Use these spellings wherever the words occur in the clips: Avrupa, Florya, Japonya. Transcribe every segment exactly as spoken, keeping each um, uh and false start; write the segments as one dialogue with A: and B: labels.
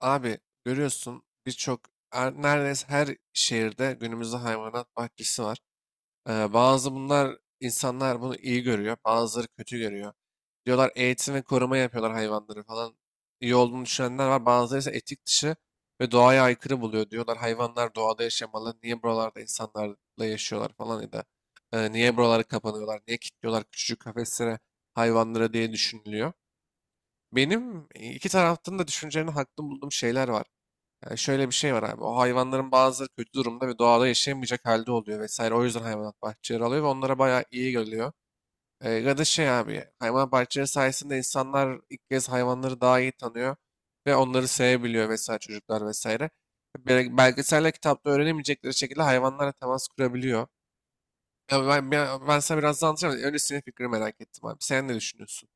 A: Abi görüyorsun birçok er- neredeyse her şehirde günümüzde hayvanat bahçesi var. Ee, bazı bunlar insanlar bunu iyi görüyor, bazıları kötü görüyor. Diyorlar eğitim ve koruma yapıyorlar hayvanları falan. İyi olduğunu düşünenler var. Bazıları ise etik dışı ve doğaya aykırı buluyor. Diyorlar hayvanlar doğada yaşamalı. Niye buralarda insanlarla yaşıyorlar falan ya da e, niye buraları kapanıyorlar, niye kilitliyorlar küçücük kafeslere hayvanları diye düşünülüyor. Benim iki taraftan da düşüncelerini haklı bulduğum şeyler var. Yani şöyle bir şey var abi. O hayvanların bazıları kötü durumda ve doğada yaşayamayacak halde oluyor vesaire. O yüzden hayvanat bahçeleri alıyor ve onlara bayağı iyi geliyor. Ee, ya da şey abi hayvanat bahçeleri sayesinde insanlar ilk kez hayvanları daha iyi tanıyor ve onları sevebiliyor vesaire çocuklar vesaire. Bel- Belgeselle kitapta öğrenemeyecekleri şekilde hayvanlarla temas kurabiliyor. Ya ben, ben, ben sana biraz daha anlatacağım. Önce senin fikrini merak ettim abi. Sen ne düşünüyorsun?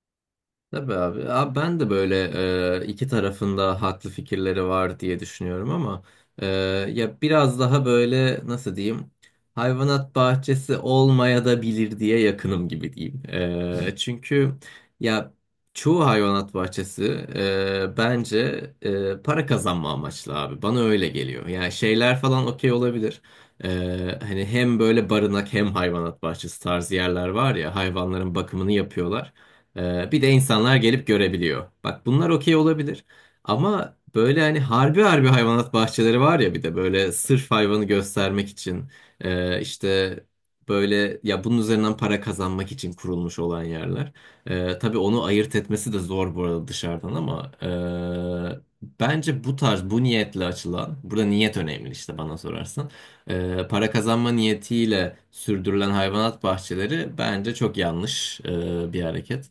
B: Tabii abi. Abi ben de böyle e, iki tarafında haklı fikirleri var diye düşünüyorum ama e, ya biraz daha böyle nasıl diyeyim hayvanat bahçesi olmaya da bilir diye yakınım gibi diyeyim. E, çünkü ya çoğu hayvanat bahçesi e, bence e, para kazanma amaçlı abi. Bana öyle geliyor. Yani şeyler falan okey olabilir. E, hani hem böyle barınak hem hayvanat bahçesi tarzı yerler var ya hayvanların bakımını yapıyorlar. Ee, bir de insanlar gelip görebiliyor. Bak bunlar okey olabilir. Ama böyle hani harbi harbi hayvanat bahçeleri var ya bir de böyle sırf hayvanı göstermek için e, işte böyle ya bunun üzerinden para kazanmak için kurulmuş olan yerler. E, tabii onu ayırt etmesi de zor bu arada dışarıdan ama e, bence bu tarz bu niyetle açılan burada niyet önemli işte bana sorarsan. E, para kazanma niyetiyle sürdürülen hayvanat bahçeleri bence çok yanlış e, bir hareket.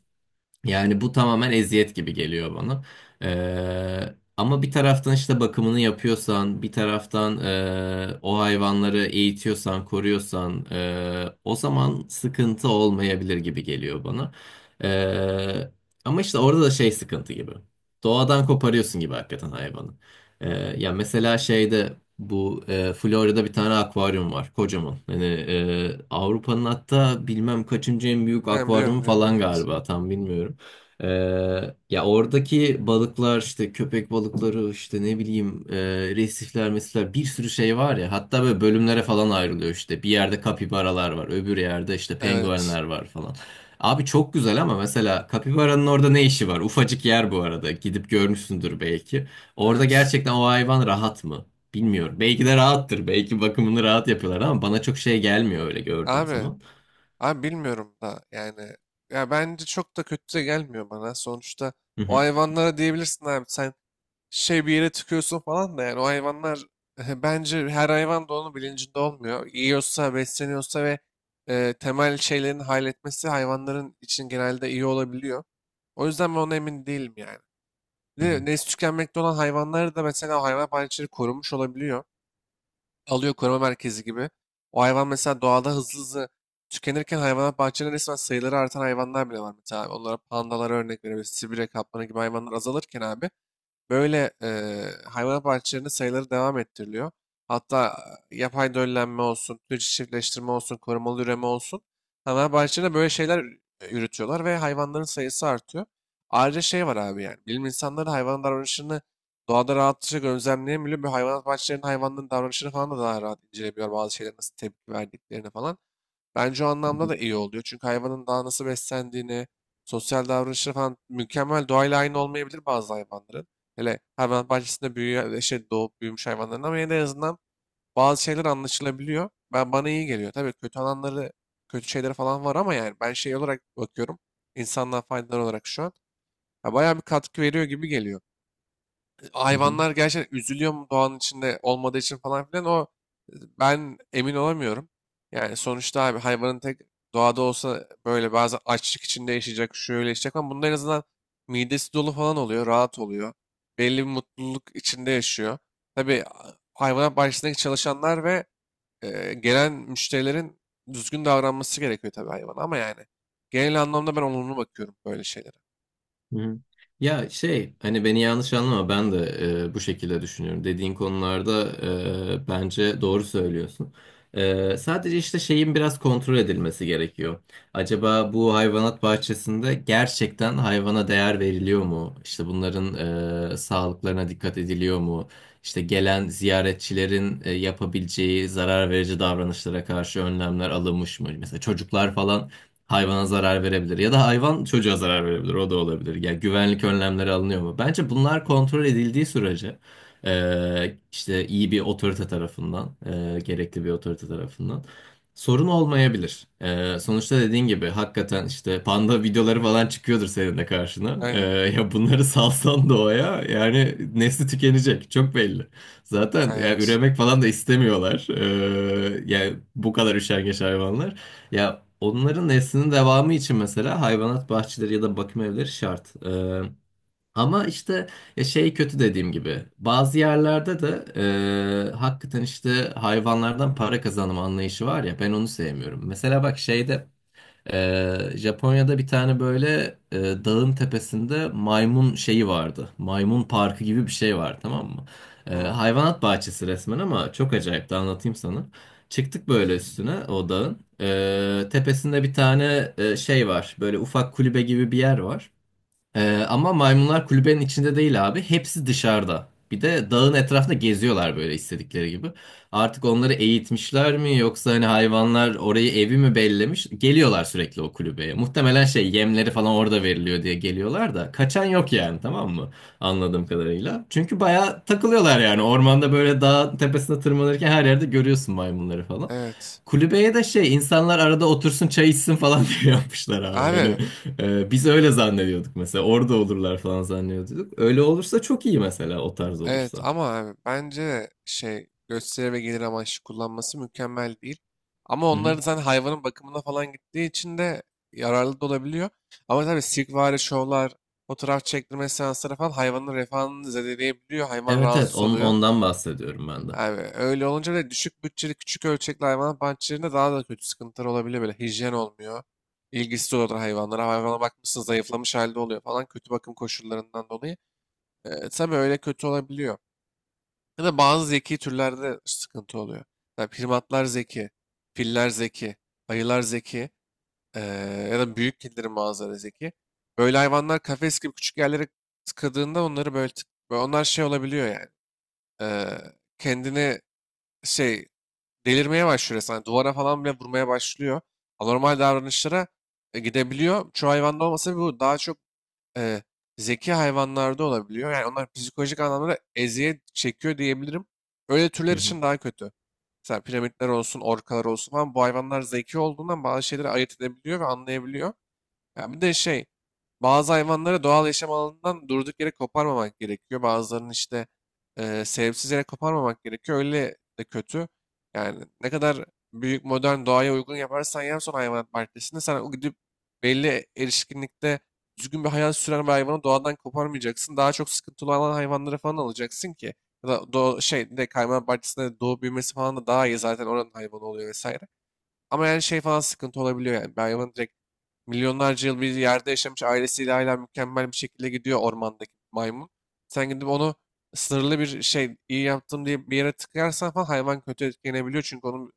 B: Yani bu tamamen eziyet gibi geliyor bana. Ee, ama bir taraftan işte bakımını yapıyorsan, bir taraftan e, o hayvanları eğitiyorsan, koruyorsan, e, o zaman sıkıntı olmayabilir gibi geliyor bana. Ee, Ama işte orada da şey sıkıntı gibi. Doğadan koparıyorsun gibi hakikaten hayvanı. Ee, Ya mesela şeyde bu e, Florya'da bir tane akvaryum var, kocaman. Hani e, Avrupa'nın hatta bilmem kaçıncı en büyük
A: Ben biliyorum
B: akvaryumu
A: biliyorum
B: falan
A: evet.
B: galiba, tam bilmiyorum. Ee, ya oradaki balıklar işte köpek balıkları işte ne bileyim e, resifler mesela bir sürü şey var ya hatta böyle bölümlere falan ayrılıyor işte bir yerde kapibaralar var öbür yerde işte
A: Evet.
B: penguenler var falan. Abi çok güzel ama mesela kapibaranın orada ne işi var? Ufacık yer bu arada gidip görmüşsündür belki. Orada
A: Evet.
B: gerçekten o hayvan rahat mı? Bilmiyorum. Belki de rahattır. Belki bakımını rahat yapıyorlar ama bana çok şey gelmiyor öyle gördüğüm
A: Abi.
B: zaman.
A: Abi bilmiyorum da yani ya bence çok da kötü de gelmiyor bana. Sonuçta
B: Hı
A: o
B: hı.
A: hayvanlara diyebilirsin abi sen şey bir yere tıkıyorsun falan da yani o hayvanlar bence her hayvan da onun bilincinde olmuyor. Yiyorsa, besleniyorsa ve e, temel şeylerin halletmesi hayvanların için genelde iyi olabiliyor. O yüzden ben ona emin değilim yani.
B: Hı
A: Ne,
B: hı.
A: nesli tükenmekte olan hayvanları da mesela o hayvan bahçeleri korunmuş olabiliyor alıyor koruma merkezi gibi. O hayvan mesela doğada hızlı hızlı tükenirken hayvanat bahçelerinde resmen sayıları artan hayvanlar bile var mesela. Abi. Onlara pandalara örnek verebiliriz. Sibirya kaplanı gibi hayvanlar azalırken abi böyle eee hayvanat bahçelerinde sayıları devam ettiriliyor. Hatta e, yapay döllenme olsun, türcü çiftleştirme olsun, korumalı üreme olsun. Hayvanat bahçelerinde böyle şeyler e, yürütüyorlar ve hayvanların sayısı artıyor. Ayrıca şey var abi yani. Bilim insanları hayvanın davranışını doğada rahatlıkla gözlemleyebiliyor. Böyle hayvanat bahçelerinin hayvanların davranışını falan da daha rahat inceleyebiliyor. Bazı şeylere nasıl tepki verdiklerini falan. Bence o anlamda da iyi oluyor. Çünkü hayvanın daha nasıl beslendiğini, sosyal davranışları falan mükemmel doğayla aynı olmayabilir bazı hayvanların. Hele hayvan bahçesinde büyüyen, şey, doğup büyümüş hayvanların ama yine de en azından bazı şeyler anlaşılabiliyor. Ben bana iyi geliyor. Tabii kötü alanları, kötü şeyleri falan var ama yani ben şey olarak bakıyorum. İnsanlığa faydalar olarak şu an. Ya bayağı bir katkı veriyor gibi geliyor
B: Hı hı.
A: hayvanlar gerçekten üzülüyor mu doğanın içinde olmadığı için falan filan o e, ben emin olamıyorum. Yani sonuçta abi hayvanın tek doğada olsa böyle bazı açlık içinde yaşayacak, şöyle yaşayacak ama bunda en azından midesi dolu falan oluyor, rahat oluyor. Belli bir mutluluk içinde yaşıyor. Tabii a- hayvanat bahçesindeki çalışanlar ve e, gelen müşterilerin düzgün davranması gerekiyor tabii hayvana ama yani genel anlamda ben olumlu bakıyorum böyle şeylere.
B: Hı. Ya şey hani beni yanlış anlama ben de e, bu şekilde düşünüyorum. Dediğin konularda e, bence doğru söylüyorsun. E, sadece işte şeyin biraz kontrol edilmesi gerekiyor. Acaba bu hayvanat bahçesinde gerçekten hayvana değer veriliyor mu? İşte bunların e, sağlıklarına dikkat ediliyor mu? İşte gelen ziyaretçilerin e, yapabileceği zarar verici davranışlara karşı önlemler alınmış mı? Mesela çocuklar falan hayvana zarar verebilir ya da hayvan çocuğa zarar verebilir o da olabilir. Yani güvenlik önlemleri alınıyor mu? Bence bunlar kontrol edildiği sürece e, işte iyi bir otorite tarafından e, gerekli bir otorite tarafından sorun olmayabilir. E, sonuçta dediğin gibi hakikaten işte panda videoları falan çıkıyordur senin de karşına. E,
A: Aynen.
B: ya bunları salsan doğaya yani nesli tükenecek çok belli. Zaten yani
A: Evet.
B: üremek falan da istemiyorlar. E, yani bu kadar üşengeç hayvanlar. Ya onların neslinin devamı için mesela hayvanat bahçeleri ya da bakım evleri şart. Ee, ama işte ya şey kötü dediğim gibi bazı yerlerde de e, hakikaten işte hayvanlardan para kazanma anlayışı var ya ben onu sevmiyorum. Mesela bak şeyde ee, Japonya'da bir tane böyle e, dağın tepesinde maymun şeyi vardı. Maymun parkı gibi bir şey var tamam mı? Ee,
A: Hı,
B: hayvanat bahçesi resmen ama çok acayip de anlatayım sana. Çıktık böyle üstüne o dağın. Ee, tepesinde bir tane e, şey var. Böyle ufak kulübe gibi bir yer var. Ee, ama maymunlar kulübenin içinde değil abi. Hepsi dışarıda. Bir de dağın etrafında geziyorlar böyle istedikleri gibi. Artık onları eğitmişler mi yoksa hani hayvanlar orayı evi mi bellemiş? Geliyorlar sürekli o kulübeye. Muhtemelen şey yemleri falan orada veriliyor diye geliyorlar da kaçan yok yani tamam mı? Anladığım kadarıyla. Çünkü bayağı takılıyorlar yani. Ormanda böyle dağ tepesine tırmanırken her yerde görüyorsun maymunları falan.
A: evet.
B: Kulübeye de şey insanlar arada otursun çay içsin falan diye yapmışlar abi. Hani
A: Abi.
B: ee, biz öyle zannediyorduk mesela. Orada olurlar falan zannediyorduk. Öyle olursa çok iyi mesela o tarz
A: Evet
B: olursa.
A: ama abi bence şey gösteri ve gelir amaçlı kullanması mükemmel değil. Ama
B: Hı
A: onları
B: hı.
A: zaten hayvanın bakımına falan gittiği için de yararlı da olabiliyor. Ama tabii sirkvari şovlar, fotoğraf çektirme seansları falan hayvanın refahını zedeleyebiliyor. Hayvan
B: Evet, evet,
A: rahatsız
B: on,
A: oluyor.
B: ondan bahsediyorum ben de.
A: Abi öyle olunca da düşük bütçeli küçük ölçekli hayvanat bahçelerinde daha da kötü sıkıntılar olabiliyor. Böyle hijyen olmuyor. İlgisiz olur hayvanlara. Hayvana bakmışsın zayıflamış halde oluyor falan kötü bakım koşullarından dolayı. Ee, tabii öyle kötü olabiliyor. Ya da bazı zeki türlerde sıkıntı oluyor. Yani primatlar zeki, filler zeki, ayılar zeki eee, ya da büyük kedilerin bazıları zeki. Böyle hayvanlar kafes gibi küçük yerlere tıkadığında onları böyle, tık- böyle onlar şey olabiliyor yani. Eee, kendini şey delirmeye başlıyor resmen. Duvara falan bile vurmaya başlıyor. Anormal davranışlara e, gidebiliyor. Çoğu hayvanda olmasa bu daha çok e, zeki hayvanlarda olabiliyor. Yani onlar psikolojik anlamda eziyet çekiyor diyebilirim. Öyle
B: Hı
A: türler
B: hı.
A: için daha kötü. Mesela piramitler olsun, orkalar olsun falan bu hayvanlar zeki olduğundan bazı şeyleri ayırt edebiliyor ve anlayabiliyor. Ya bir de şey, bazı hayvanları doğal yaşam alanından durduk yere koparmamak gerekiyor. Bazılarının işte eee sebepsiz yere koparmamak gerekiyor. Öyle de kötü. Yani ne kadar büyük modern doğaya uygun yaparsan yap son hayvanat bahçesinde sen o gidip belli erişkinlikte düzgün bir hayat süren bir hayvanı doğadan koparmayacaksın. Daha çok sıkıntılı olan hayvanları falan alacaksın ki. Ya da doğ, şey bir de hayvanat bahçesinde doğup büyümesi falan da daha iyi zaten oranın hayvanı oluyor vesaire. Ama yani şey falan sıkıntı olabiliyor yani. Bir hayvan direkt milyonlarca yıl bir yerde yaşamış ailesiyle hala mükemmel bir şekilde gidiyor ormandaki maymun. Sen gidip onu sınırlı bir şey iyi yaptım diye bir yere tıkarsan falan hayvan kötü etkilenebiliyor. Çünkü onun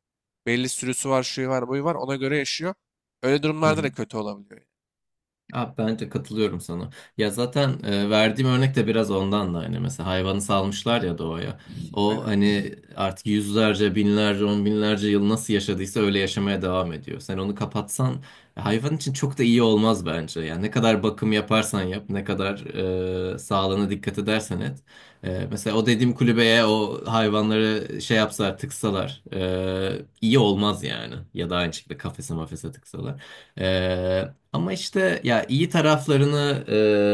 A: belli sürüsü var, şuyu var, buyu var. Ona göre yaşıyor. Öyle
B: Hı
A: durumlarda da
B: hı.
A: kötü olabiliyor yani.
B: Abi bence katılıyorum sana. Ya zaten e, verdiğim örnek de biraz ondan da hani mesela hayvanı salmışlar ya doğaya. O
A: Aynen.
B: hani artık yüzlerce, binlerce, on binlerce yıl nasıl yaşadıysa öyle yaşamaya devam ediyor. Sen onu kapatsan hayvan için çok da iyi olmaz bence. Yani ne kadar bakım yaparsan yap, ne kadar e, sağlığına dikkat edersen et. E, mesela o dediğim kulübeye o hayvanları şey yapsalar, tıksalar e, iyi olmaz yani. Ya da aynı şekilde kafese mafese tıksalar. E, Ama işte ya iyi taraflarını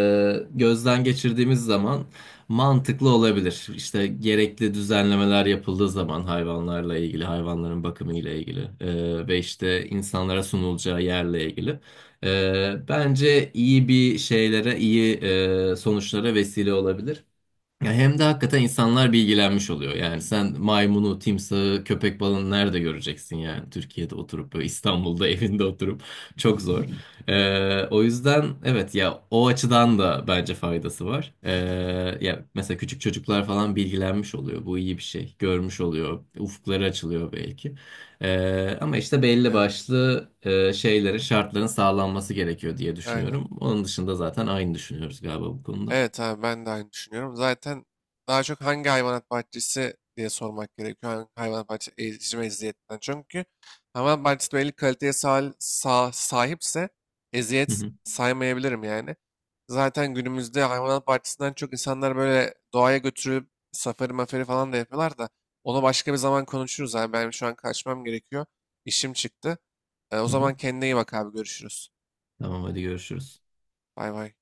B: e, gözden geçirdiğimiz zaman mantıklı olabilir. İşte gerekli düzenlemeler yapıldığı zaman hayvanlarla ilgili, hayvanların bakımı ile ilgili e, ve işte insanlara sunulacağı yerle ilgili. E, bence iyi bir şeylere, iyi e, sonuçlara vesile olabilir. Ya hem de hakikaten insanlar bilgilenmiş oluyor. Yani sen maymunu, timsahı, köpek balığını nerede göreceksin yani? Türkiye'de oturup böyle İstanbul'da evinde oturup çok zor. Ee, o yüzden evet ya o açıdan da bence faydası var. Ee, ya mesela küçük çocuklar falan bilgilenmiş oluyor. Bu iyi bir şey. Görmüş oluyor. Ufukları açılıyor belki. Ee, ama işte belli
A: Evet.
B: başlı e, şeylerin, şartların sağlanması gerekiyor diye
A: Aynen.
B: düşünüyorum. Onun dışında zaten aynı düşünüyoruz galiba bu konuda.
A: Evet abi ben de aynı düşünüyorum. Zaten daha çok hangi hayvanat bahçesi diye sormak gerekiyor. Hangi hayvanat bahçesi ezici eziyetinden. Çünkü hayvanat bahçesi belli kaliteye sahil- sa- sahipse
B: Hı
A: eziyet
B: hı.
A: saymayabilirim yani. Zaten günümüzde hayvanat bahçesinden çok insanlar böyle doğaya götürüp safari mafari falan da yapıyorlar da onu başka bir zaman konuşuruz abi. Benim şu an kaçmam gerekiyor. İşim çıktı. E, o
B: Hı
A: zaman
B: hı.
A: kendine iyi bak abi görüşürüz.
B: Tamam, hadi görüşürüz.
A: Bay bay.